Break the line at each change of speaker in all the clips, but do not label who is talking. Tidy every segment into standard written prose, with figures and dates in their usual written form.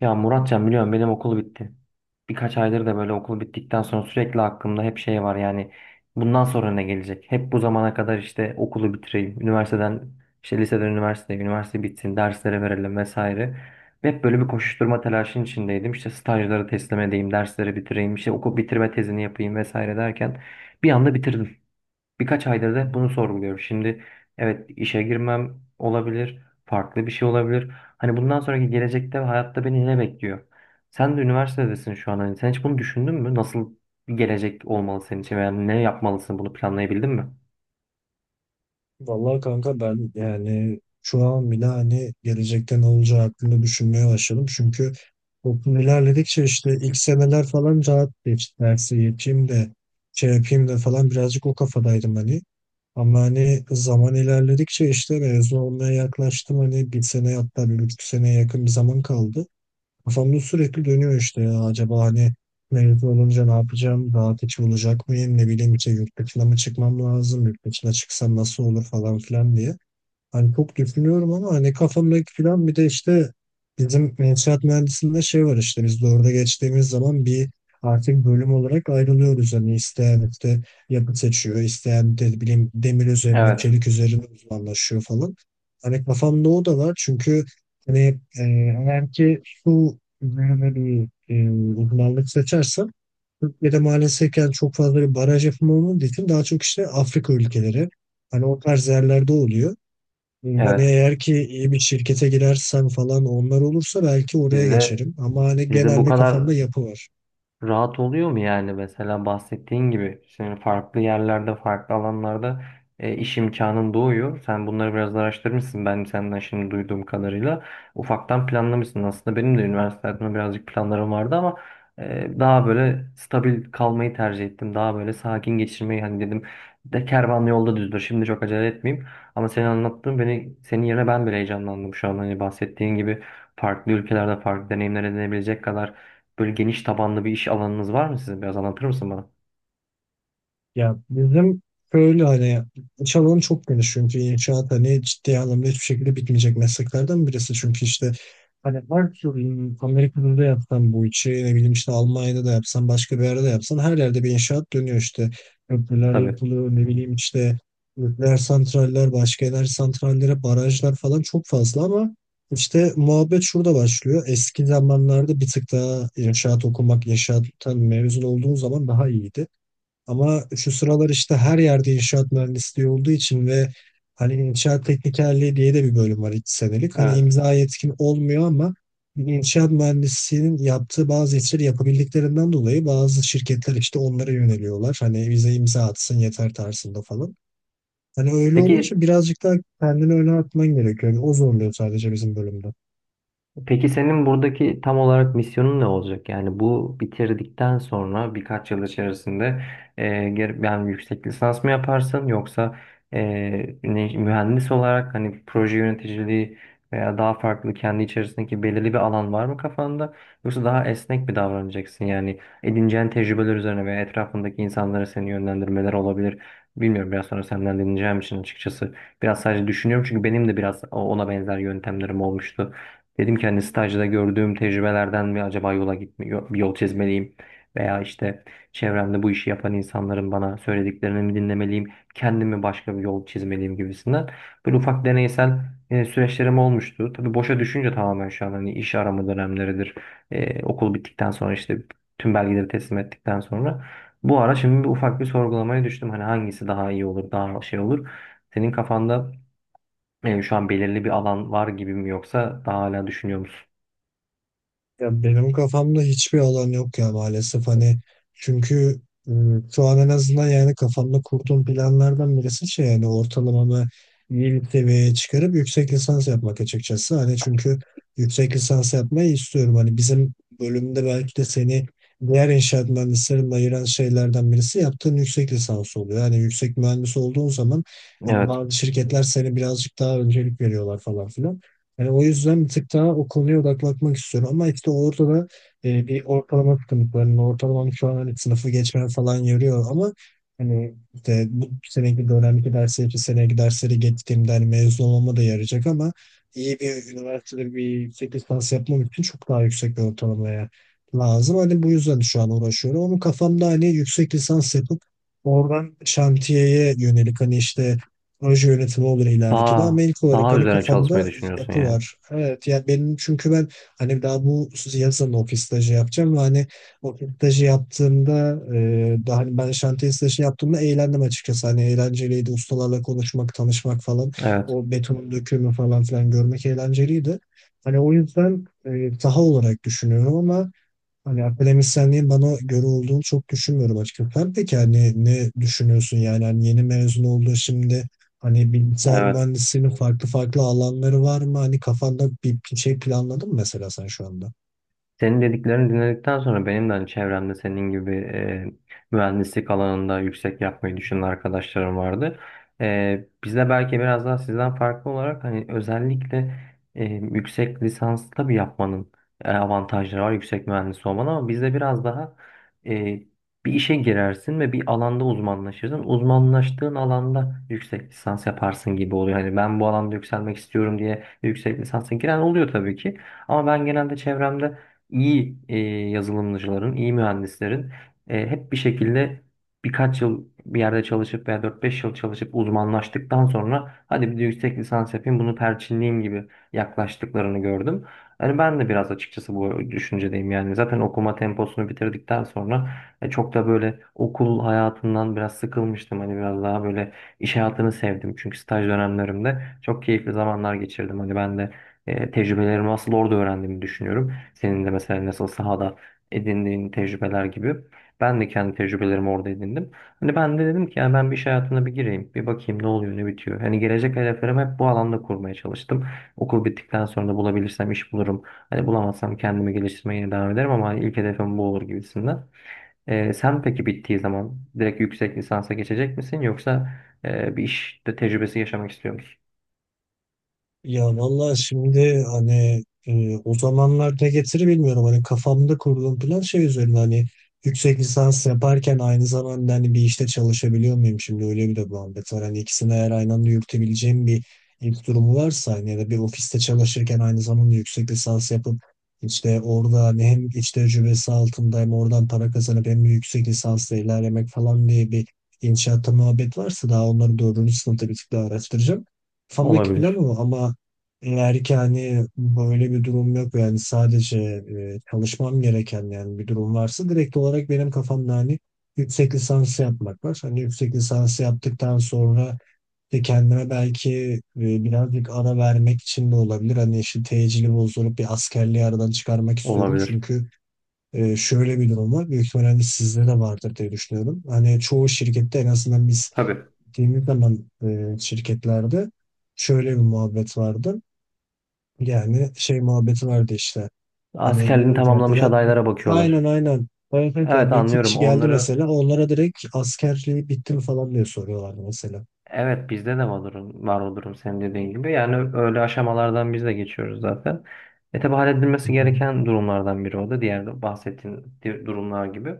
Ya Muratcan biliyorum benim okul bitti. Birkaç aydır da böyle okul bittikten sonra sürekli aklımda hep şey var yani bundan sonra ne gelecek? Hep bu zamana kadar işte okulu bitireyim, üniversiteden işte liseden üniversiteye, üniversite bitsin, derslere verelim vesaire. Hep böyle bir koşuşturma telaşının içindeydim. İşte stajları teslim edeyim, dersleri bitireyim, işte okul bitirme tezini yapayım vesaire derken bir anda bitirdim. Birkaç aydır da
Hı
hep bunu
hı.
sorguluyorum. Şimdi evet, işe girmem olabilir, farklı bir şey olabilir. Hani bundan sonraki gelecekte ve hayatta beni ne bekliyor? Sen de üniversitedesin şu an. Hani sen hiç bunu düşündün mü? Nasıl bir gelecek olmalı senin için veya ne yapmalısın? Bunu planlayabildin mi?
Vallahi kanka, ben yani şu an bile hani gelecekte ne olacağı hakkında düşünmeye başladım. Çünkü toplum ilerledikçe işte ilk seneler falan rahat geçti. Dersi yeteyim de şey yapayım da falan, birazcık o kafadaydım hani. Ama hani zaman ilerledikçe işte mezun olmaya yaklaştım. Hani bir sene, hatta 1,5 seneye yakın bir zaman kaldı. Kafamda sürekli dönüyor işte, ya acaba hani mezun olunca ne yapacağım? Rahat içi olacak mıyım? Ne bileyim işte, yurt dışına mı çıkmam lazım? Yurt dışına çıksam nasıl olur falan filan diye. Hani çok düşünüyorum ama hani kafamdaki plan, bir de işte bizim inşaat mühendisliğinde şey var, işte biz de orada geçtiğimiz zaman bir artık bölüm olarak ayrılıyoruz. Hani isteyen işte yapı seçiyor, isteyen de bileyim demir üzerine,
Evet,
çelik üzerine uzmanlaşıyor falan. Hani kafamda o da var, çünkü hani eğer ki su üzerine bir e, uzmanlık seçersem, Türkiye'de maalesef yani çok fazla bir baraj yapımı olmadığı için daha çok işte Afrika ülkeleri, hani o tarz yerlerde oluyor. Hani
evet.
eğer ki iyi bir şirkete girersem falan, onlar olursa belki oraya
Sizde
geçerim. Ama hani
sizde bu
genelde
kadar
kafamda yapı var.
rahat oluyor mu yani mesela bahsettiğin gibi senin farklı yerlerde farklı alanlarda iş imkanın doğuyor. Sen bunları biraz da araştırmışsın, ben senden şimdi duyduğum kadarıyla. Ufaktan planlamışsın aslında, benim de üniversitede birazcık planlarım vardı ama daha böyle stabil kalmayı tercih ettim. Daha böyle sakin geçirmeyi, hani dedim de kervan yolda düzdür, şimdi çok acele etmeyeyim. Ama senin anlattığın, beni senin yerine ben bile heyecanlandım şu an, hani bahsettiğin gibi farklı ülkelerde farklı deneyimler edinebilecek kadar böyle geniş tabanlı bir iş alanınız var mı sizin? Biraz anlatır mısın bana?
Ya bizim böyle hani iş alanı çok geniş, çünkü inşaat hani ciddi anlamda hiçbir şekilde bitmeyecek mesleklerden birisi. Çünkü işte hani her türlü Amerika'da da yapsan bu işi, ne bileyim işte, Almanya'da da yapsan, başka bir yerde de yapsan, her yerde bir inşaat dönüyor işte. Köprüler
Tabii.
yapılıyor, ne bileyim işte, nükleer santraller, başka enerji santrallere, barajlar falan çok fazla, ama işte muhabbet şurada başlıyor. Eski zamanlarda bir tık daha inşaat okumak, inşaattan mezun olduğun zaman daha iyiydi. Ama şu sıralar işte her yerde inşaat mühendisliği olduğu için ve hani inşaat teknikerliği diye de bir bölüm var, 2 senelik. Hani
Evet.
imza yetkin olmuyor ama inşaat mühendisliğinin yaptığı bazı işleri yapabildiklerinden dolayı bazı şirketler işte onlara yöneliyorlar. Hani bize imza atsın yeter tarzında falan. Hani öyle
Peki
olunca birazcık daha kendini öne atman gerekiyor. Yani o zorluyor sadece bizim bölümde.
Peki senin buradaki tam olarak misyonun ne olacak? Yani bu bitirdikten sonra birkaç yıl içerisinde yani yüksek lisans mı yaparsın yoksa e, mühendis olarak hani proje yöneticiliği veya daha farklı kendi içerisindeki belirli bir alan var mı kafanda? Yoksa daha esnek bir davranacaksın? Yani edineceğin tecrübeler üzerine veya etrafındaki insanlara seni yönlendirmeler olabilir. Bilmiyorum, biraz sonra senden dinleyeceğim için açıkçası biraz sadece düşünüyorum, çünkü benim de biraz ona benzer yöntemlerim olmuştu. Dedim ki hani stajda gördüğüm tecrübelerden mi acaba yola gitme, bir yol çizmeliyim veya işte çevremde bu işi yapan insanların bana söylediklerini mi dinlemeliyim, kendime başka bir yol çizmeliyim gibisinden. Böyle ufak deneysel süreçlerim olmuştu. Tabii boşa düşünce tamamen şu an hani iş arama dönemleridir. Okul bittikten sonra işte tüm belgeleri teslim ettikten sonra bu ara şimdi bir ufak bir sorgulamaya düştüm. Hani hangisi daha iyi olur, daha şey olur. Senin kafanda şu an belirli bir alan var gibi mi yoksa daha hala düşünüyor musun?
Ya benim kafamda hiçbir alan yok ya maalesef hani, çünkü e, şu an en azından yani kafamda kurduğum planlardan birisi şey, yani ortalamamı iyi bir seviyeye çıkarıp yüksek lisans yapmak açıkçası. Hani çünkü yüksek lisans yapmayı istiyorum. Hani bizim bölümde belki de seni diğer inşaat mühendislerinden ayıran şeylerden birisi yaptığın yüksek lisans oluyor. Yani yüksek mühendis olduğun zaman hani
Evet.
bazı şirketler seni birazcık daha öncelik veriyorlar falan filan. Yani o yüzden bir tık daha o konuya odaklanmak istiyorum. Ama işte orada da bir ortalama sıkıntı var. Yani ortalamam şu an hani sınıfı geçmem falan yoruyor, ama hani işte bu seneki dönemki dersleri, bir seneki dersleri geçtiğimde hani mezun olmama da yarayacak, ama iyi bir üniversitede bir yüksek lisans yapmam için çok daha yüksek bir ortalamaya lazım. Hani bu yüzden şu an uğraşıyorum. Onun kafamda hani yüksek lisans yapıp oradan şantiyeye yönelik hani işte proje yönetimi olur ileriki de,
Daha
ama ilk olarak
daha
hani
üzerine çalışmayı
kafamda
düşünüyorsun
yapı
yani.
var. Evet, yani benim çünkü ben hani daha bu yazın ofis stajı yapacağım, ve hani ofis stajı yaptığımda daha hani ben şantiye stajı yaptığımda eğlendim açıkçası. Hani eğlenceliydi ustalarla konuşmak, tanışmak falan,
Evet.
o betonun dökümü falan filan görmek eğlenceliydi. Hani o yüzden saha olarak düşünüyorum, ama hani akademisyenliğin bana göre olduğunu çok düşünmüyorum açıkçası. Sen peki hani ne düşünüyorsun, yani hani yeni mezun oldun şimdi, hani bilgisayar
Evet.
mühendisliğinin farklı farklı alanları var mı? Hani kafanda bir şey planladın mı mesela sen şu anda?
Senin dediklerini dinledikten sonra benim de hani çevremde senin gibi mühendislik alanında yüksek yapmayı düşünen arkadaşlarım vardı. Biz de belki biraz daha sizden farklı olarak hani özellikle yüksek lisans tabii yapmanın avantajları var yüksek mühendis olmanın, ama bizde biraz daha e, bir işe girersin ve bir alanda uzmanlaşırsın. Uzmanlaştığın alanda yüksek lisans yaparsın gibi oluyor. Hani ben bu alanda yükselmek istiyorum diye yüksek lisansa giren oluyor tabii ki. Ama ben genelde çevremde iyi yazılımcıların, iyi mühendislerin hep bir şekilde birkaç yıl bir yerde çalışıp veya dört beş yıl çalışıp uzmanlaştıktan sonra hadi bir de yüksek lisans yapayım bunu perçinleyeyim gibi yaklaştıklarını gördüm. Yani ben de biraz açıkçası bu düşüncedeyim, yani zaten okuma temposunu bitirdikten sonra çok da böyle okul hayatından biraz sıkılmıştım. Hani biraz daha böyle iş hayatını sevdim çünkü staj dönemlerimde çok keyifli zamanlar geçirdim. Hani ben de tecrübelerimi asıl orada öğrendiğimi düşünüyorum. Senin de mesela nasıl sahada edindiğin tecrübeler gibi. Ben de kendi tecrübelerimi orada edindim. Hani ben de dedim ki yani ben bir iş hayatına bir gireyim. Bir bakayım ne oluyor ne bitiyor. Hani gelecek hedeflerimi hep bu alanda kurmaya çalıştım. Okul bittikten sonra da bulabilirsem iş bulurum. Hani bulamazsam kendimi geliştirmeye yine devam ederim ama hani ilk hedefim bu olur gibisinden. Sen peki bittiği zaman direkt yüksek lisansa geçecek misin yoksa bir işte tecrübesi yaşamak istiyor musun?
Ya vallahi şimdi hani o zamanlar ne getirir bilmiyorum. Hani kafamda kurduğum plan şey üzerine, hani yüksek lisans yaparken aynı zamanda hani bir işte çalışabiliyor muyum, şimdi öyle bir de muhabbet var. Hani ikisini eğer aynı anda yürütebileceğim bir ilk durumu varsa, hani ya da bir ofiste çalışırken aynı zamanda yüksek lisans yapıp işte orada hani hem iç tecrübesi altında hem oradan para kazanıp hem de yüksek lisansla ilerlemek falan diye bir inşaatta muhabbet varsa, daha onları dördüncü sınıfta bir tık daha araştıracağım. Kafamdaki plan
Olabilir.
o, ama eğer ki hani böyle bir durum yok, yani sadece çalışmam gereken yani bir durum varsa, direkt olarak benim kafamda hani yüksek lisans yapmak var. Hani yüksek lisans yaptıktan sonra de kendime belki birazcık ara vermek için de olabilir. Hani işte tecili bozdurup bir askerliği aradan çıkarmak istiyorum.
Olabilir.
Çünkü şöyle bir durum var. Büyük ihtimalle hani, sizde de vardır diye düşünüyorum. Hani çoğu şirkette, en azından biz
Tabii.
gittiğimiz zaman, şirketlerde şöyle bir muhabbet vardı. Yani şey muhabbeti vardı işte. Hani
Askerliğini
diyordu ki
tamamlamış
mesela,
adaylara
aynen
bakıyorlar.
aynen. Bayılır ya,
Evet,
bir iki
anlıyorum.
kişi geldi
Onları
mesela, onlara direkt askerliği bitti mi falan diye soruyorlardı mesela.
evet, bizde de var o durum, var o durum senin dediğin gibi. Yani öyle aşamalardan biz de geçiyoruz zaten. E tabi,
Hı
halledilmesi
hı.
gereken durumlardan biri o da diğer bahsettiğin durumlar gibi.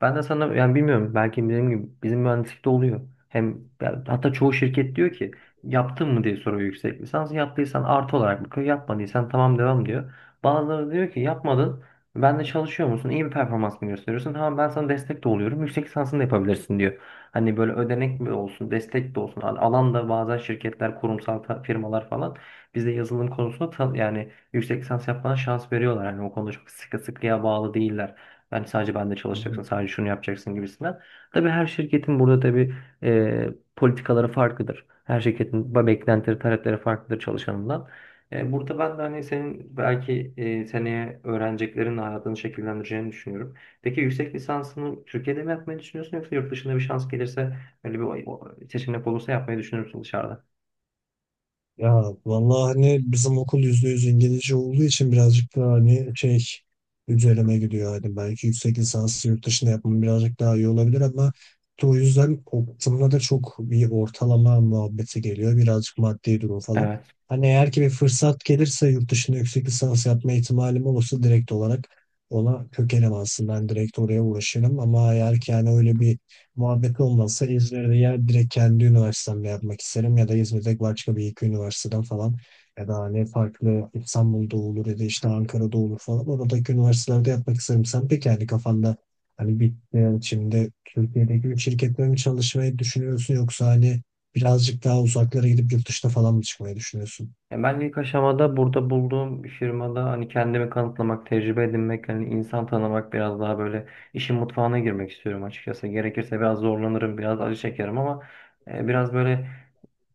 Ben de sana yani bilmiyorum belki bizim gibi bizim mühendislikte oluyor. Hem yani hatta çoğu şirket diyor ki yaptın mı diye soruyor yüksek lisans. Yaptıysan artı olarak bakıyor. Yapmadıysan tamam devam diyor. Bazıları diyor ki yapmadın. Ben de çalışıyor musun? İyi bir performans mı gösteriyorsun? Tamam ben sana destek de oluyorum. Yüksek lisansını da yapabilirsin diyor. Hani böyle ödenek mi olsun, destek de olsun. Alanda bazen şirketler, kurumsal firmalar falan bizde yazılım konusunda yani yüksek lisans yapmana şans veriyorlar. Hani o konuda çok sıkı sıkıya bağlı değiller. Yani sadece bende
Hı
çalışacaksın,
hı.
sadece şunu yapacaksın gibisinden. Tabii her şirketin burada tabii e, politikaları farklıdır. Her şirketin beklentileri, talepleri farklıdır çalışanından. Burada ben de hani senin belki seneye öğreneceklerin hayatını şekillendireceğini düşünüyorum. Peki yüksek lisansını Türkiye'de mi yapmayı düşünüyorsun yoksa yurt dışında bir şans gelirse öyle bir seçenek olursa yapmayı düşünür müsün dışarıda?
Ya vallahi hani bizim okul %100 İngilizce olduğu için birazcık daha hani şey üzerine gidiyor. Hani belki yüksek lisansı yurt dışında yapmam birazcık daha iyi olabilir, ama işte o yüzden okulda da çok bir ortalama muhabbeti geliyor. Birazcık maddi durum falan.
Evet.
Hani eğer ki bir fırsat gelirse, yurt dışında yüksek lisans yapma ihtimalim olursa, direkt olarak ona kökelim aslında. Ben direkt oraya uğraşırım, ama eğer ki yani öyle bir muhabbet olmazsa, İzmir'de ya direkt kendi üniversitemle yapmak isterim, ya da İzmir'de başka bir iki üniversiteden falan, ya da hani farklı İstanbul'da olur ya da işte Ankara'da olur falan, oradaki üniversitelerde yapmak isterim. Sen peki yani kafanda hani bir, yani şimdi Türkiye'deki bir şirkette mi çalışmayı düşünüyorsun yoksa hani birazcık daha uzaklara gidip yurt dışına falan mı çıkmayı düşünüyorsun?
Ya ben ilk aşamada burada bulduğum firmada hani kendimi kanıtlamak, tecrübe edinmek, hani insan tanımak, biraz daha böyle işin mutfağına girmek istiyorum açıkçası. Gerekirse biraz zorlanırım, biraz acı çekerim ama biraz böyle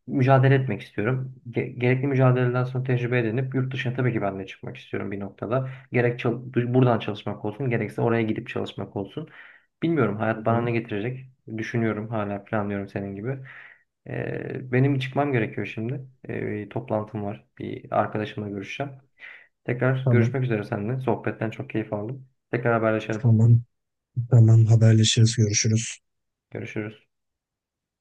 mücadele etmek istiyorum. Gerekli mücadeleden sonra tecrübe edinip yurt dışına tabii ki ben de çıkmak istiyorum bir noktada. Gerek buradan çalışmak olsun, gerekse oraya gidip çalışmak olsun. Bilmiyorum
Hı
hayat bana ne
hı.
getirecek. Düşünüyorum, hala planlıyorum senin gibi. Benim çıkmam gerekiyor şimdi. Bir toplantım var. Bir arkadaşımla görüşeceğim. Tekrar
Tamam.
görüşmek üzere seninle. Sohbetten çok keyif aldım. Tekrar haberleşelim.
Tamam. Tamam. Haberleşiriz. Görüşürüz.
Görüşürüz.